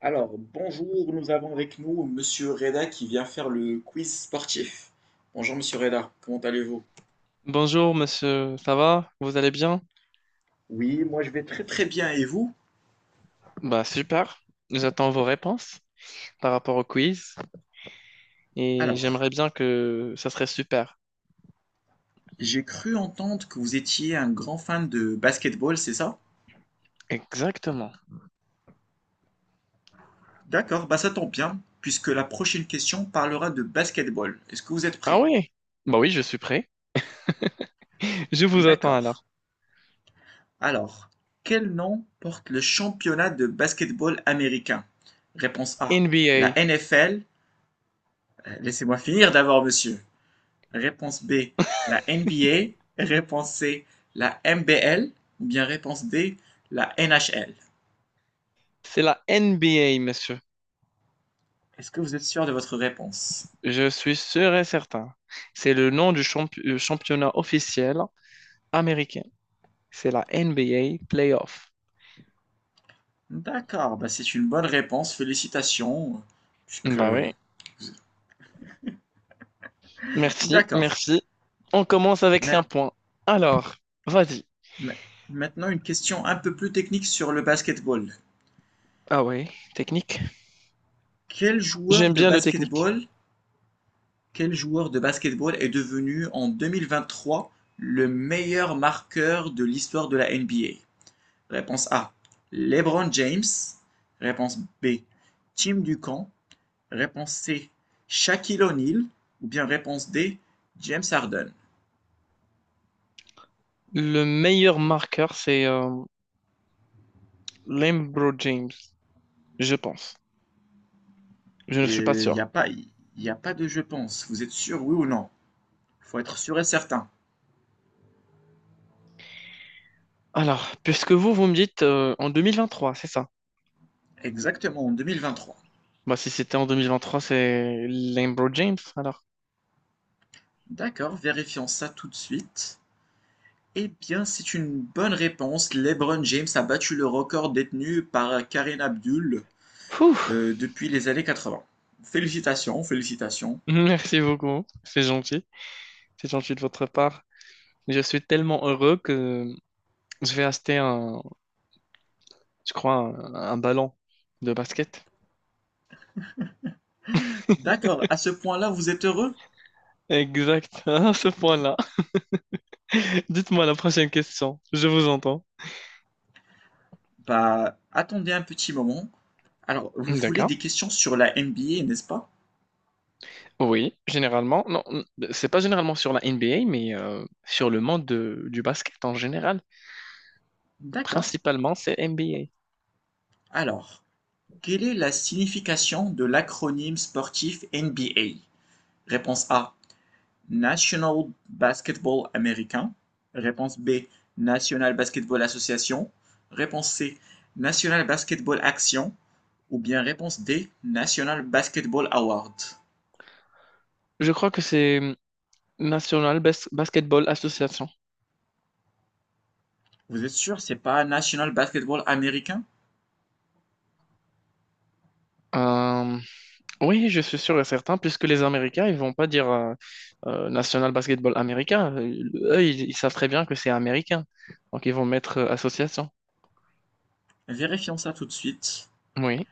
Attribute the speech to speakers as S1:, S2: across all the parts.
S1: Alors, bonjour, nous avons avec nous Monsieur Reda qui vient faire le quiz sportif. Bonjour Monsieur Reda, comment allez-vous?
S2: Bonjour monsieur, ça va? Vous allez bien?
S1: Oui, moi je vais très très bien et vous?
S2: Bah super, j'attends vos réponses par rapport au quiz et
S1: Alors,
S2: j'aimerais bien que ça serait super.
S1: j'ai cru entendre que vous étiez un grand fan de basketball, c'est ça?
S2: Exactement.
S1: D'accord, bah ça tombe bien, puisque la prochaine question parlera de basketball. Est-ce que vous êtes
S2: Ah
S1: prêt?
S2: oui? Bah oui, je suis prêt. Je vous attends
S1: D'accord.
S2: alors.
S1: Alors, quel nom porte le championnat de basketball américain? Réponse A, la
S2: NBA,
S1: NFL. Laissez-moi finir d'abord, monsieur. Réponse B, la NBA. Réponse C, la MBL. Ou bien réponse D, la NHL.
S2: c'est la NBA monsieur.
S1: Est-ce que vous êtes sûr de votre réponse?
S2: Je suis sûr et certain. C'est le nom du championnat officiel américain. C'est la NBA Playoff.
S1: D'accord, bah c'est une bonne réponse, félicitations. Puisque...
S2: Bah oui, merci,
S1: D'accord.
S2: merci. On commence avec un point. Alors, vas-y.
S1: Maintenant, une question un peu plus technique sur le basketball.
S2: Ah ouais, technique.
S1: Quel joueur
S2: J'aime
S1: de
S2: bien le technique.
S1: basketball, quel joueur de basketball est devenu en 2023 le meilleur marqueur de l'histoire de la NBA? Réponse A. LeBron James. Réponse B. Tim Duncan. Réponse C. Shaquille O'Neal. Ou bien réponse D. James Harden.
S2: Le meilleur marqueur, c'est Lembro James, je pense. Je ne suis pas
S1: Il n'y
S2: sûr.
S1: a pas, y a pas de je pense. Vous êtes sûr, oui ou non? Il Faut être sûr et certain.
S2: Alors, puisque vous me dites en 2023, c'est ça?
S1: Exactement, en 2023.
S2: Bah, si c'était en 2023, c'est Lembro James, alors.
S1: D'accord, vérifions ça tout de suite. Eh bien, c'est une bonne réponse. LeBron James a battu le record détenu par Kareem Abdul
S2: Ouh,
S1: depuis les années 80. Félicitations, félicitations.
S2: merci beaucoup, c'est gentil. C'est gentil de votre part. Je suis tellement heureux que je vais acheter je crois, un ballon de basket.
S1: D'accord, à ce point-là, vous êtes heureux?
S2: Exact, à ce point-là. Dites-moi la prochaine question, je vous entends.
S1: Bah, attendez un petit moment. Alors, vous voulez
S2: D'accord.
S1: des questions sur la NBA, n'est-ce pas?
S2: Oui, généralement. Non, c'est pas généralement sur la NBA, mais sur le monde du basket en général.
S1: D'accord.
S2: Principalement, c'est NBA.
S1: Alors, quelle est la signification de l'acronyme sportif NBA? Réponse A, National Basketball Américain. Réponse B, National Basketball Association. Réponse C, National Basketball Action. Ou bien réponse D, National Basketball Award.
S2: Je crois que c'est Basketball Association.
S1: Vous êtes sûr, c'est pas National Basketball Américain?
S2: Euh, Oui, je suis sûr et certain, puisque les Américains, ils vont pas dire National Basketball Américain. Eux, ils savent très bien que c'est américain. Donc, ils vont mettre association.
S1: Vérifions ça tout de suite.
S2: Oui.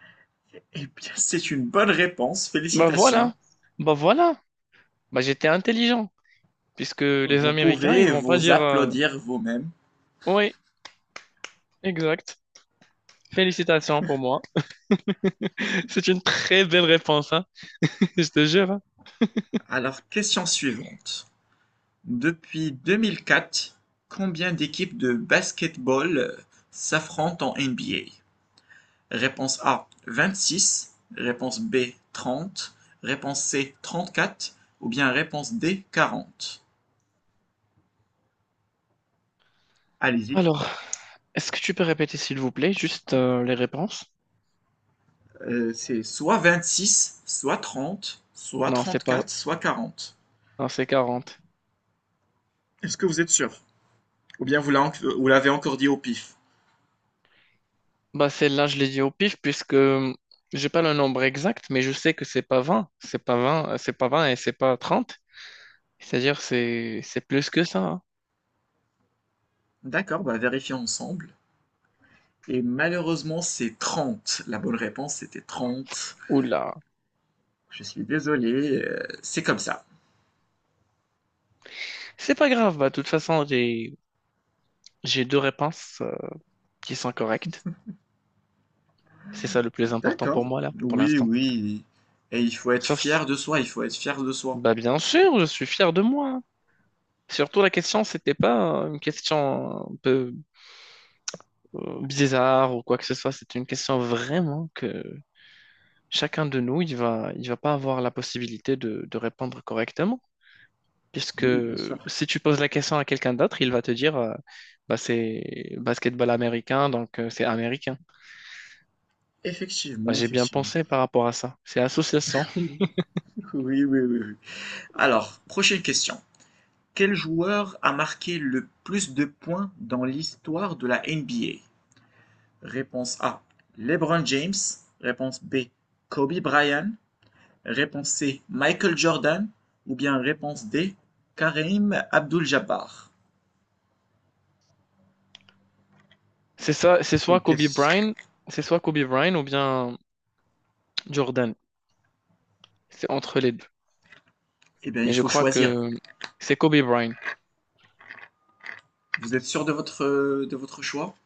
S1: Eh bien, c'est une bonne réponse.
S2: Bah
S1: Félicitations.
S2: voilà. Bah voilà. Bah j'étais intelligent, puisque les
S1: Vous
S2: Américains, ils
S1: pouvez
S2: vont pas
S1: vous
S2: dire
S1: applaudir vous-même.
S2: oui, exact. Félicitations pour moi. C'est une très belle réponse, hein. Je te jure, hein.
S1: Alors, question suivante. Depuis 2004, combien d'équipes de basketball s'affrontent en NBA? Réponse A, 26. Réponse B, 30. Réponse C, 34. Ou bien réponse D, 40. Allez-y.
S2: Alors, est-ce que tu peux répéter, s'il vous plaît, juste les réponses?
S1: C'est soit 26, soit 30, soit
S2: Non, c'est pas.
S1: 34, soit 40.
S2: Non, c'est 40.
S1: Est-ce que vous êtes sûr? Ou bien vous l'avez encore dit au pif.
S2: Bah celle-là, je l'ai dit au pif puisque j'ai pas le nombre exact, mais je sais que c'est pas vingt, c'est pas 20 et c'est pas trente. C'est-à-dire c'est plus que ça, hein.
S1: D'accord, bah vérifier ensemble. Et malheureusement, c'est 30. La bonne réponse, c'était 30.
S2: Oula.
S1: Je suis désolé, c'est comme ça.
S2: C'est pas grave, bah de toute façon, j'ai deux réponses qui sont correctes. C'est ça le plus important
S1: D'accord.
S2: pour moi là, pour
S1: Oui,
S2: l'instant.
S1: oui. Et il faut être
S2: Sauf si-
S1: fier de soi, il faut être fier de soi.
S2: bah bien sûr, je suis fier de moi, hein. Surtout la question, c'était pas une question un peu bizarre ou quoi que ce soit, c'était une question vraiment que chacun de nous, il va pas avoir la possibilité de répondre correctement, puisque
S1: Oui, bien sûr.
S2: si tu poses la question à quelqu'un d'autre, il va te dire, bah, c'est basketball américain, donc c'est américain. Bah,
S1: Effectivement,
S2: j'ai bien
S1: effectivement.
S2: pensé par rapport à ça. C'est association.
S1: Oui, oui, oui, oui. Alors, prochaine question. Quel joueur a marqué le plus de points dans l'histoire de la NBA? Réponse A. LeBron James. Réponse B. Kobe Bryant. Réponse C. Michael Jordan. Ou bien réponse D. Kareem Abdul-Jabbar.
S2: C'est ça,
S1: C'est une question.
S2: C'est soit Kobe Bryant ou bien Jordan. C'est entre les deux.
S1: Eh bien,
S2: Mais
S1: il
S2: je
S1: faut
S2: crois
S1: choisir.
S2: que c'est Kobe Bryant.
S1: Vous êtes sûr de votre choix?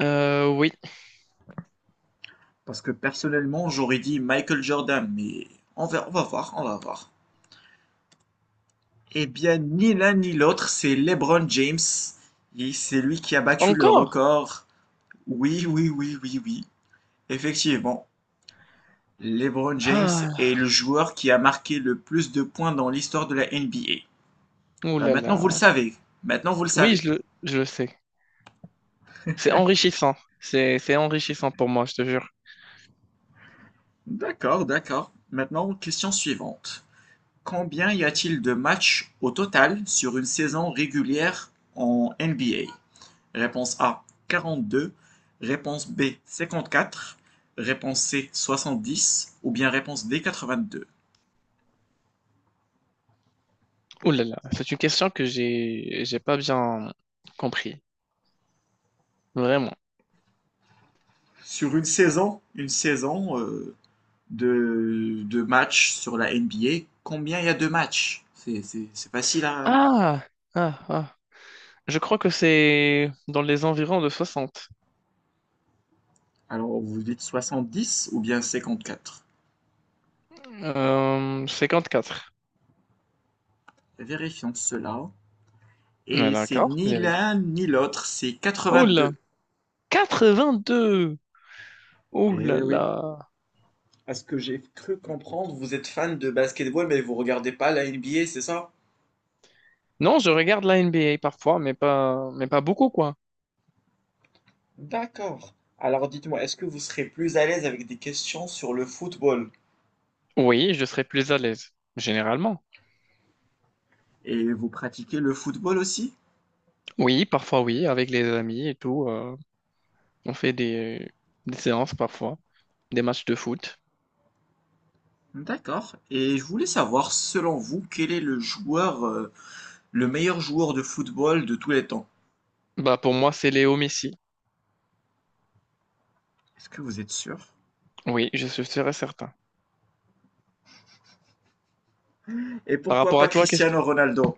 S2: Oui.
S1: Parce que personnellement, j'aurais dit Michael Jordan, mais on va voir, on va voir. Eh bien, ni l'un ni l'autre, c'est LeBron James. Et c'est lui qui a battu le
S2: Encore?
S1: record. Oui, oui, oui, oui, oui. Effectivement, LeBron James
S2: Ah,
S1: est le joueur qui a marqué le plus de points dans l'histoire de la NBA.
S2: ouh
S1: Bah,
S2: là
S1: maintenant, vous le
S2: là.
S1: savez. Maintenant, vous le
S2: Oui,
S1: savez.
S2: je le sais. C'est enrichissant. C'est enrichissant pour moi, je te jure.
S1: D'accord, d'accord. Maintenant, question suivante. Combien y a-t-il de matchs au total sur une saison régulière en NBA? Réponse A, 42. Réponse B, 54. Réponse C, 70. Ou bien réponse D, 82.
S2: Ouh là là, c'est une question que j'ai pas bien compris. Vraiment.
S1: Sur une saison, de matchs sur la NBA, combien il y a de matchs? C'est facile à...
S2: Ah, ah, ah. Je crois que c'est dans les environs de soixante.
S1: Alors, vous dites 70 ou bien 54?
S2: 54.
S1: Vérifions cela.
S2: Ouais,
S1: Et c'est
S2: d'accord,
S1: ni
S2: vérifie.
S1: l'un ni l'autre, c'est
S2: Oh là,
S1: 82.
S2: 82. Oh
S1: Eh
S2: là
S1: oui,
S2: là.
S1: à ce que j'ai cru comprendre, vous êtes fan de basketball, mais vous regardez pas la NBA, c'est ça?
S2: Non, je regarde la NBA parfois, mais pas beaucoup, quoi.
S1: D'accord. Alors dites-moi, est-ce que vous serez plus à l'aise avec des questions sur le football?
S2: Oui, je serais plus à l'aise, généralement.
S1: Et vous pratiquez le football aussi?
S2: Oui, parfois oui, avec les amis et tout. On fait des séances parfois, des matchs de foot.
S1: D'accord. Et je voulais savoir, selon vous, quel est le joueur, le meilleur joueur de football de tous les temps?
S2: Bah pour moi, c'est Léo Messi.
S1: Est-ce que vous êtes sûr?
S2: Oui, je suis sûr et certain.
S1: Et
S2: Par
S1: pourquoi
S2: rapport
S1: pas
S2: à toi, qu'est-ce que...
S1: Cristiano Ronaldo?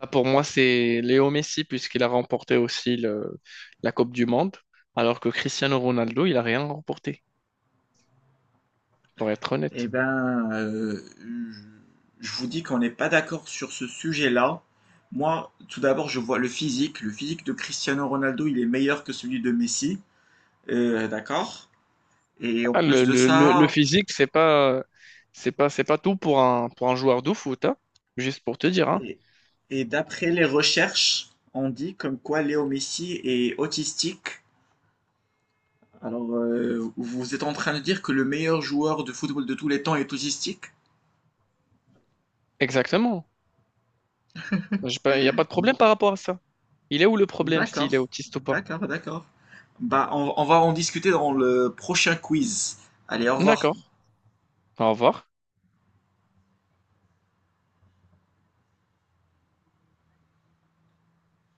S2: Bah, pour moi, c'est Léo Messi puisqu'il a remporté aussi la Coupe du Monde, alors que Cristiano Ronaldo, il a rien remporté, pour être
S1: Eh
S2: honnête.
S1: ben, je je vous dis qu'on n'est pas d'accord sur ce sujet-là. Moi, tout d'abord, je vois le physique. Le physique de Cristiano Ronaldo, il est meilleur que celui de Messi. D'accord? Et en
S2: Ah,
S1: plus de
S2: le
S1: ça,
S2: physique, c'est pas tout pour pour un joueur de foot, hein, juste pour te dire, hein.
S1: et, et d'après les recherches, on dit comme quoi Léo Messi est autistique. Alors, vous êtes en train de dire que le meilleur joueur de football de tous les temps est autistique?
S2: Exactement. Il n'y a pas de problème par rapport à ça. Il est où le problème s'il est
S1: D'accord,
S2: autiste ou pas?
S1: d'accord, d'accord. Bah, on va en discuter dans le prochain quiz. Allez, au revoir.
S2: D'accord, au revoir.